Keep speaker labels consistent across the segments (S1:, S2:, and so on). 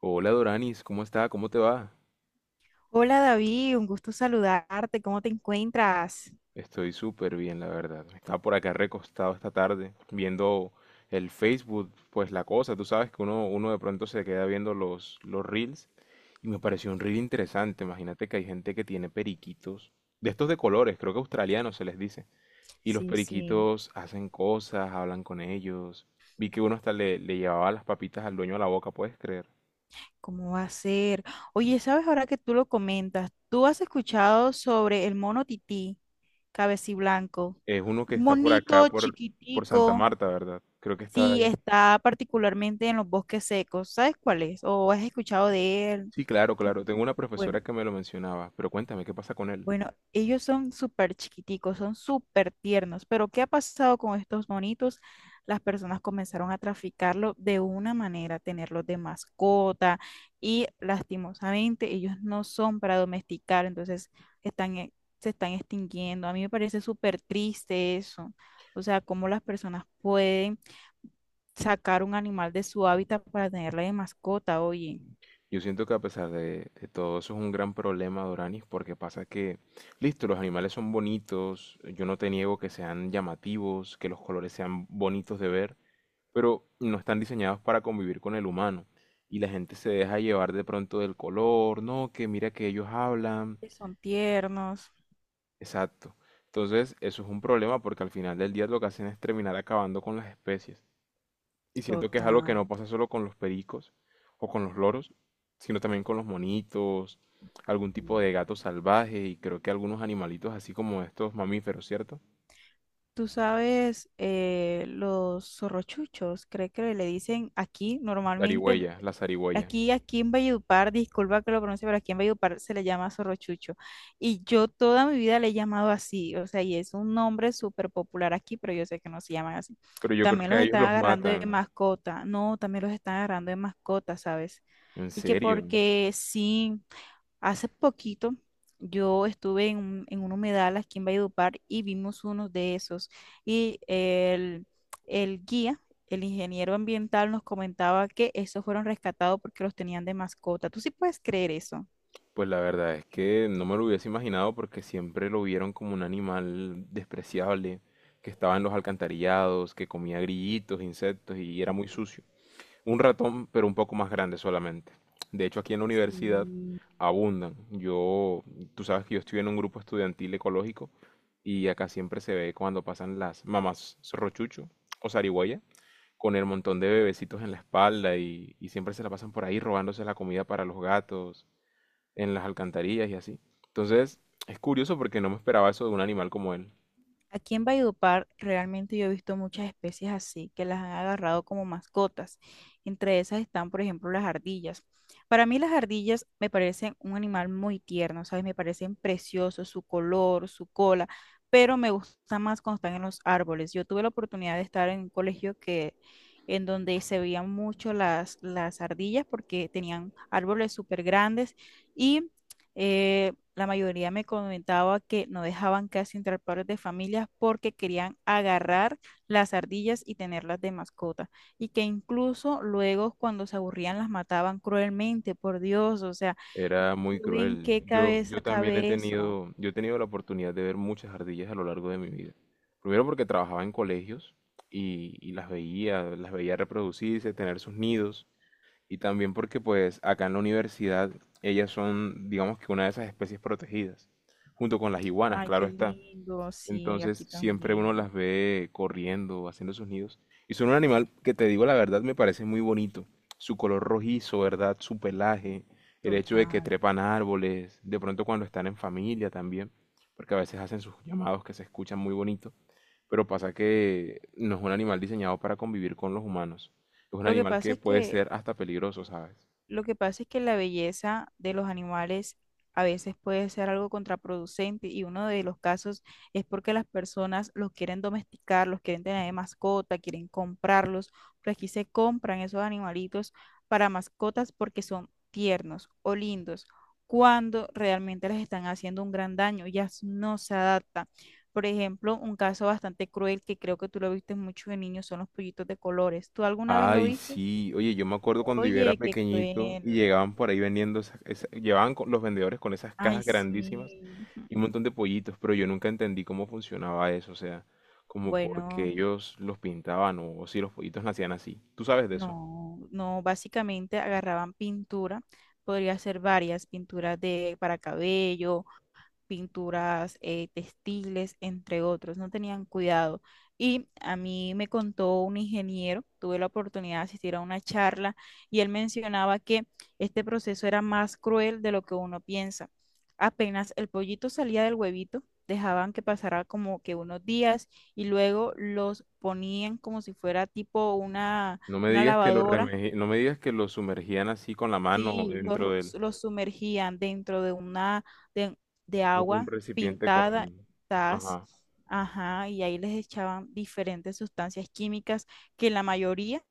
S1: Hola Doranis, ¿cómo está? ¿Cómo te va?
S2: Hola David, un gusto saludarte. ¿Cómo te encuentras?
S1: Estoy súper bien, la verdad. Estaba por acá recostado esta tarde viendo el Facebook, pues la cosa, tú sabes que uno de pronto se queda viendo los reels y me pareció un reel interesante. Imagínate que hay gente que tiene periquitos, de estos de colores, creo que australianos se les dice, y los
S2: Sí, sí,
S1: periquitos hacen cosas, hablan con ellos. Vi que uno hasta le llevaba las papitas al dueño a la boca, ¿puedes creer?
S2: ¿cómo va a ser? Oye, ¿sabes ahora que tú lo comentas? ¿Tú has escuchado sobre el mono tití, cabeciblanco?
S1: Es uno que
S2: Un
S1: está por acá,
S2: monito
S1: por Santa
S2: chiquitico,
S1: Marta, ¿verdad? Creo que está
S2: sí,
S1: ahí.
S2: está particularmente en los bosques secos. ¿Sabes cuál es? ¿O has escuchado de él?
S1: Sí, claro, claro. Tengo una
S2: Bueno.
S1: profesora que me lo mencionaba, pero cuéntame, ¿qué pasa con él?
S2: Bueno, ellos son súper chiquiticos, son súper tiernos, pero ¿qué ha pasado con estos monitos? Las personas comenzaron a traficarlo de una manera, tenerlos de mascota y lastimosamente ellos no son para domesticar, entonces están, se están extinguiendo. A mí me parece súper triste eso, o sea, cómo las personas pueden sacar un animal de su hábitat para tenerla de mascota, oye,
S1: Yo siento que a pesar de todo eso es un gran problema, Doranis, porque pasa que, listo, los animales son bonitos, yo no te niego que sean llamativos, que los colores sean bonitos de ver, pero no están diseñados para convivir con el humano. Y la gente se deja llevar de pronto del color, no, que mira que ellos hablan.
S2: que son tiernos,
S1: Exacto. Entonces, eso es un problema porque al final del día lo que hacen es terminar acabando con las especies. Y siento que es algo que
S2: total.
S1: no pasa solo con los pericos o con los loros, sino también con los monitos, algún tipo de gato salvaje y creo que algunos animalitos así como estos mamíferos, ¿cierto?
S2: Tú sabes, los zorrochuchos, creo que le dicen aquí normalmente,
S1: Zarigüeya, la zarigüeya.
S2: aquí, aquí en Valledupar, disculpa que lo pronuncie, pero aquí en Valledupar se le llama zorrochucho. Y yo toda mi vida le he llamado así, o sea, y es un nombre súper popular aquí, pero yo sé que no se llaman así.
S1: Pero yo creo
S2: También
S1: que
S2: los
S1: a ellos
S2: están
S1: los
S2: agarrando de
S1: matan.
S2: mascota, no, también los están agarrando de mascota, ¿sabes?
S1: ¿En
S2: Y que
S1: serio?
S2: porque sí. Hace poquito yo estuve en un humedal aquí en Valledupar y vimos unos de esos. Y el guía, el ingeniero ambiental, nos comentaba que esos fueron rescatados porque los tenían de mascota. ¿Tú sí puedes creer eso?
S1: Pues la verdad es que no me lo hubiese imaginado porque siempre lo vieron como un animal despreciable, que estaba en los alcantarillados, que comía grillitos, insectos y era muy sucio. Un ratón, pero un poco más grande solamente. De hecho, aquí en la universidad
S2: Sí.
S1: abundan. Yo, tú sabes que yo estoy en un grupo estudiantil ecológico y acá siempre se ve cuando pasan las mamás rochucho o zarigüeya con el montón de bebecitos en la espalda y siempre se la pasan por ahí robándose la comida para los gatos, en las alcantarillas y así. Entonces, es curioso porque no me esperaba eso de un animal como él.
S2: Aquí en Valledupar realmente yo he visto muchas especies así que las han agarrado como mascotas. Entre esas están, por ejemplo, las ardillas. Para mí las ardillas me parecen un animal muy tierno, ¿sabes? Me parecen preciosos, su color, su cola, pero me gusta más cuando están en los árboles. Yo tuve la oportunidad de estar en un colegio que en donde se veían mucho las ardillas porque tenían árboles súper grandes y eh, la mayoría me comentaba que no dejaban casi entrar padres de familias porque querían agarrar las ardillas y tenerlas de mascota. Y que incluso luego cuando se aburrían las mataban cruelmente, por Dios. O sea,
S1: Era muy
S2: ¿tú en
S1: cruel.
S2: qué
S1: Yo,
S2: cabeza
S1: yo también he
S2: cabe eso?
S1: tenido, yo he tenido la oportunidad de ver muchas ardillas a lo largo de mi vida. Primero porque trabajaba en colegios y las veía reproducirse, tener sus nidos. Y también porque pues acá en la universidad ellas son, digamos que una de esas especies protegidas, junto con las iguanas,
S2: Ay,
S1: claro
S2: qué
S1: está.
S2: lindo. Sí,
S1: Entonces
S2: aquí
S1: siempre uno
S2: también.
S1: las ve corriendo, haciendo sus nidos. Y son un animal que te digo la verdad me parece muy bonito. Su color rojizo, ¿verdad? Su pelaje, el hecho de que
S2: Total.
S1: trepan árboles, de pronto cuando están en familia también, porque a veces hacen sus llamados que se escuchan muy bonito, pero pasa que no es un animal diseñado para convivir con los humanos. Es un
S2: Lo que
S1: animal
S2: pasa
S1: que
S2: es
S1: puede ser
S2: que
S1: hasta peligroso, ¿sabes?
S2: Lo que pasa es que la belleza de los animales a veces puede ser algo contraproducente y uno de los casos es porque las personas los quieren domesticar, los quieren tener de mascota, quieren comprarlos, pero aquí se compran esos animalitos para mascotas porque son tiernos o lindos, cuando realmente les están haciendo un gran daño, ya no se adaptan. Por ejemplo, un caso bastante cruel que creo que tú lo viste mucho de niños son los pollitos de colores. ¿Tú alguna vez lo
S1: Ay,
S2: viste?
S1: sí. Oye, yo me acuerdo cuando yo era
S2: Oye, qué
S1: pequeñito
S2: cruel.
S1: y llegaban por ahí vendiendo los vendedores con esas
S2: Ay,
S1: cajas grandísimas
S2: sí.
S1: y un montón de pollitos, pero yo nunca entendí cómo funcionaba eso, o sea, como por qué
S2: Bueno,
S1: ellos los pintaban o si los pollitos nacían así. ¿Tú sabes de eso?
S2: no, no, básicamente agarraban pintura, podría ser varias pinturas de para cabello pinturas textiles, entre otros, no tenían cuidado. Y a mí me contó un ingeniero, tuve la oportunidad de asistir a una charla y él mencionaba que este proceso era más cruel de lo que uno piensa. Apenas el pollito salía del huevito, dejaban que pasara como que unos días y luego los ponían como si fuera tipo
S1: No me
S2: una
S1: digas que los
S2: lavadora.
S1: remeji- no me digas que los sumergían así con la mano
S2: Sí, los,
S1: dentro del
S2: los sumergían dentro de una de, de
S1: un
S2: agua
S1: recipiente
S2: pintada,
S1: con,
S2: tas,
S1: ajá.
S2: ajá, y ahí les echaban diferentes sustancias químicas que la mayoría,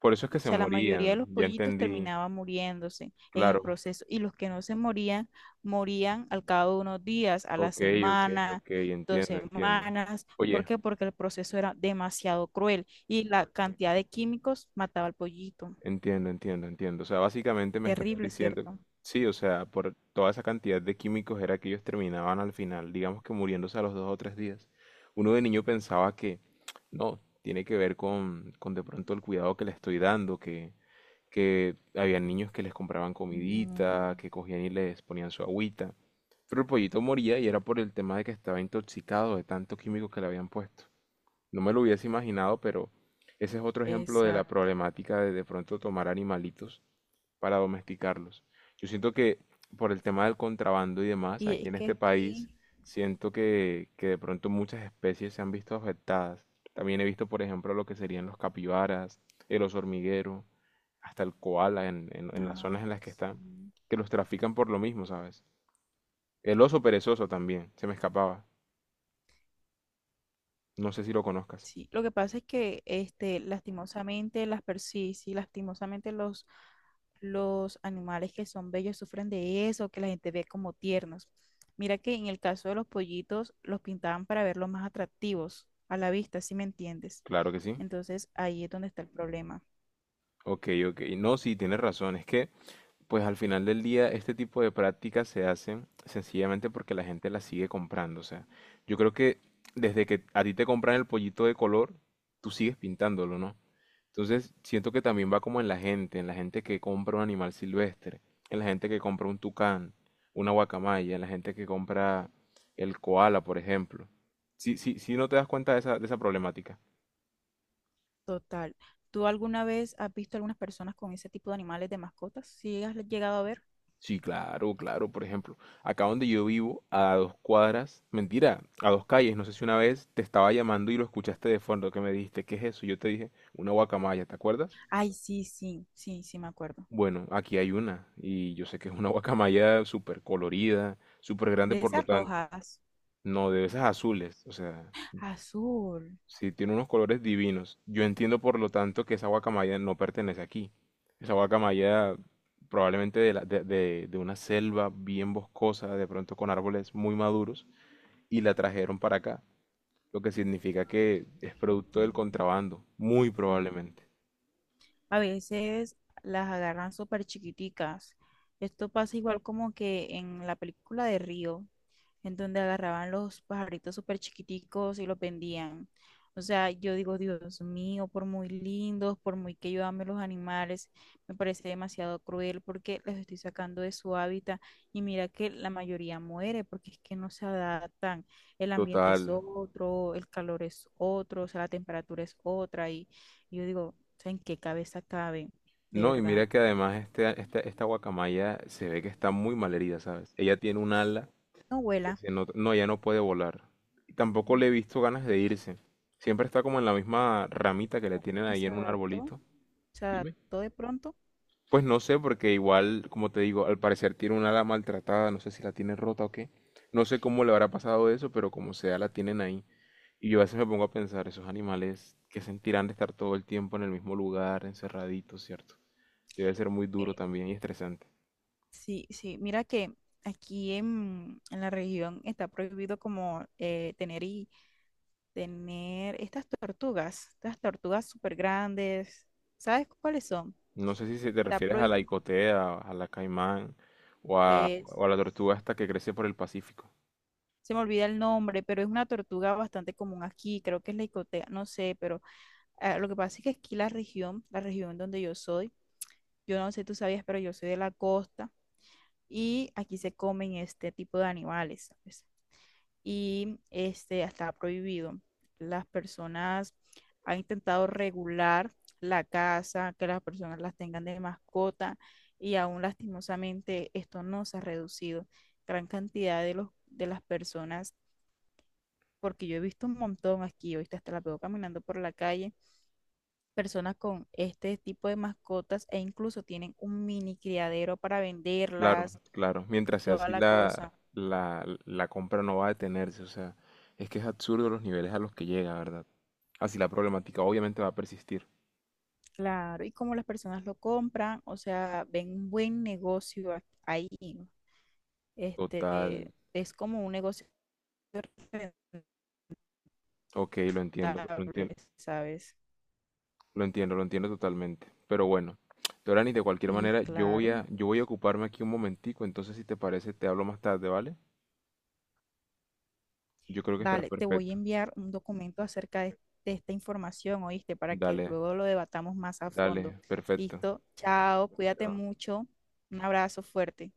S1: Por eso es
S2: o
S1: que se
S2: sea, la mayoría de
S1: morían.
S2: los
S1: Ya
S2: pollitos
S1: entendí.
S2: terminaban muriéndose en el
S1: Claro.
S2: proceso y los que no se morían, morían al cabo de unos días, a la
S1: Ok, ok,
S2: semana,
S1: ok,
S2: dos
S1: entiendo, entiendo.
S2: semanas. ¿Por
S1: Oye.
S2: qué? Porque el proceso era demasiado cruel y la cantidad de químicos mataba al pollito.
S1: Entiendo, entiendo, entiendo. O sea, básicamente me estás
S2: Terrible,
S1: diciendo,
S2: ¿cierto?
S1: sí, o sea, por toda esa cantidad de químicos era que ellos terminaban al final, digamos que muriéndose a los dos o tres días. Uno de niño pensaba que, no, tiene que ver con de pronto el cuidado que le estoy dando, que había niños que les compraban
S2: No.
S1: comidita, que cogían y les ponían su agüita. Pero el pollito moría y era por el tema de que estaba intoxicado de tanto químico que le habían puesto. No me lo hubiese imaginado, pero ese es otro ejemplo de la
S2: Exacto.
S1: problemática de pronto tomar animalitos para domesticarlos. Yo siento que por el tema del contrabando y demás,
S2: Y
S1: aquí
S2: es
S1: en
S2: que
S1: este país,
S2: aquí,
S1: siento que de pronto muchas especies se han visto afectadas. También he visto, por ejemplo, lo que serían los capibaras, el oso hormiguero, hasta el koala en las
S2: ah,
S1: zonas en las que están,
S2: sí,
S1: que los trafican por lo mismo, ¿sabes? El oso perezoso también, se me escapaba. No sé si lo conozcas.
S2: sí. Lo que pasa es que, este, lastimosamente, sí, sí, lastimosamente los animales que son bellos sufren de eso, que la gente ve como tiernos. Mira que en el caso de los pollitos, los pintaban para verlos más atractivos a la vista, si me entiendes.
S1: Claro que sí.
S2: Entonces, ahí es donde está el problema.
S1: Ok, ok. No, sí, tienes razón. Es que, pues al final del día, este tipo de prácticas se hacen sencillamente porque la gente las sigue comprando. O sea, yo creo que desde que a ti te compran el pollito de color, tú sigues pintándolo, ¿no? Entonces, siento que también va como en la gente que compra un animal silvestre, en la gente que compra un tucán, una guacamaya, en la gente que compra el koala, por ejemplo. Sí, sí, sí, no te das cuenta de esa problemática.
S2: Total. ¿Tú alguna vez has visto algunas personas con ese tipo de animales de mascotas? ¿Sí has llegado a ver?
S1: Sí, claro, claro. Por ejemplo, acá donde yo vivo, a dos cuadras, mentira, a dos calles, no sé si una vez te estaba llamando y lo escuchaste de fondo, que me dijiste, ¿qué es eso? Yo te dije, una guacamaya, ¿te acuerdas?
S2: Ay, sí, sí, sí, sí, me acuerdo.
S1: Bueno, aquí hay una, y yo sé que es una guacamaya súper colorida, súper grande,
S2: De
S1: por lo
S2: esas
S1: tanto,
S2: rojas.
S1: no, de esas azules, o sea,
S2: Azul.
S1: sí, tiene unos colores divinos. Yo entiendo, por lo tanto, que esa guacamaya no pertenece aquí. Esa guacamaya probablemente de una selva bien boscosa, de pronto con árboles muy maduros, y la trajeron para acá, lo que significa que es producto
S2: que
S1: del contrabando, muy
S2: te-
S1: probablemente.
S2: A veces las agarran súper chiquiticas. Esto pasa igual como que en la película de Río, en donde agarraban los pajaritos súper chiquiticos y los vendían. O sea, yo digo, Dios mío, por muy lindos, por muy que yo ame los animales, me parece demasiado cruel porque los estoy sacando de su hábitat y mira que la mayoría muere porque es que no se adaptan. El ambiente es
S1: Total.
S2: otro, el calor es otro, o sea, la temperatura es otra y yo digo, o sea, ¿en qué cabeza cabe? De
S1: No, y
S2: verdad.
S1: mira que además esta guacamaya se ve que está muy mal herida, ¿sabes? Ella tiene un ala
S2: No vuela.
S1: No, ya no puede volar. Y tampoco le he
S2: Mm,
S1: visto ganas de irse. Siempre está como en la misma ramita que le
S2: ¿Será
S1: tienen
S2: porque
S1: ahí
S2: se
S1: en un
S2: adaptó?
S1: arbolito.
S2: Se
S1: Dime.
S2: adaptó de pronto.
S1: Pues no sé, porque igual, como te digo, al parecer tiene un ala maltratada, no sé si la tiene rota o qué. No sé cómo le habrá pasado eso, pero como sea, la tienen ahí. Y yo a veces me pongo a pensar, esos animales que sentirán de estar todo el tiempo en el mismo lugar, encerraditos, ¿cierto? Debe ser muy duro
S2: Eh,
S1: también y estresante.
S2: sí, sí. Mira que aquí en la región está prohibido como tener y tener estas tortugas súper grandes. ¿Sabes cuáles son?
S1: No sé si se te
S2: Está
S1: refieres a la
S2: prohibido.
S1: icotea, a la caimán o a la tortuga hasta que crece por el Pacífico.
S2: Se me olvida el nombre, pero es una tortuga bastante común aquí. Creo que es la icotea, no sé, pero ah, lo que pasa es que aquí la región donde yo soy. Yo no sé, tú sabías, pero yo soy de la costa y aquí se comen este tipo de animales, ¿sabes? Y este está prohibido. Las personas han intentado regular la caza que las personas las tengan de mascota y aún lastimosamente esto no se ha reducido. Gran cantidad de los de las personas, porque yo he visto un montón aquí, ahorita hasta la veo caminando por la calle personas con este tipo de mascotas e incluso tienen un mini criadero para
S1: Claro,
S2: venderlas,
S1: claro. Mientras sea
S2: toda
S1: así,
S2: la cosa.
S1: la compra no va a detenerse. O sea, es que es absurdo los niveles a los que llega, ¿verdad? Así la problemática obviamente va a persistir.
S2: Claro, y como las personas lo compran, o sea, ven un buen negocio ahí,
S1: Total.
S2: este, es como un negocio
S1: Ok,
S2: rentable, ¿sabes?
S1: lo entiendo totalmente. Pero bueno, Dorani, de cualquier
S2: Y
S1: manera,
S2: claro,
S1: yo voy a ocuparme aquí un momentico. Entonces, si te parece, te hablo más tarde, ¿vale? Yo creo que estará
S2: vale, te voy a
S1: perfecto.
S2: enviar un documento acerca de esta información, ¿oíste? Para que
S1: Dale.
S2: luego lo debatamos más a fondo.
S1: Dale, perfecto.
S2: Listo, chao, cuídate mucho, un abrazo fuerte.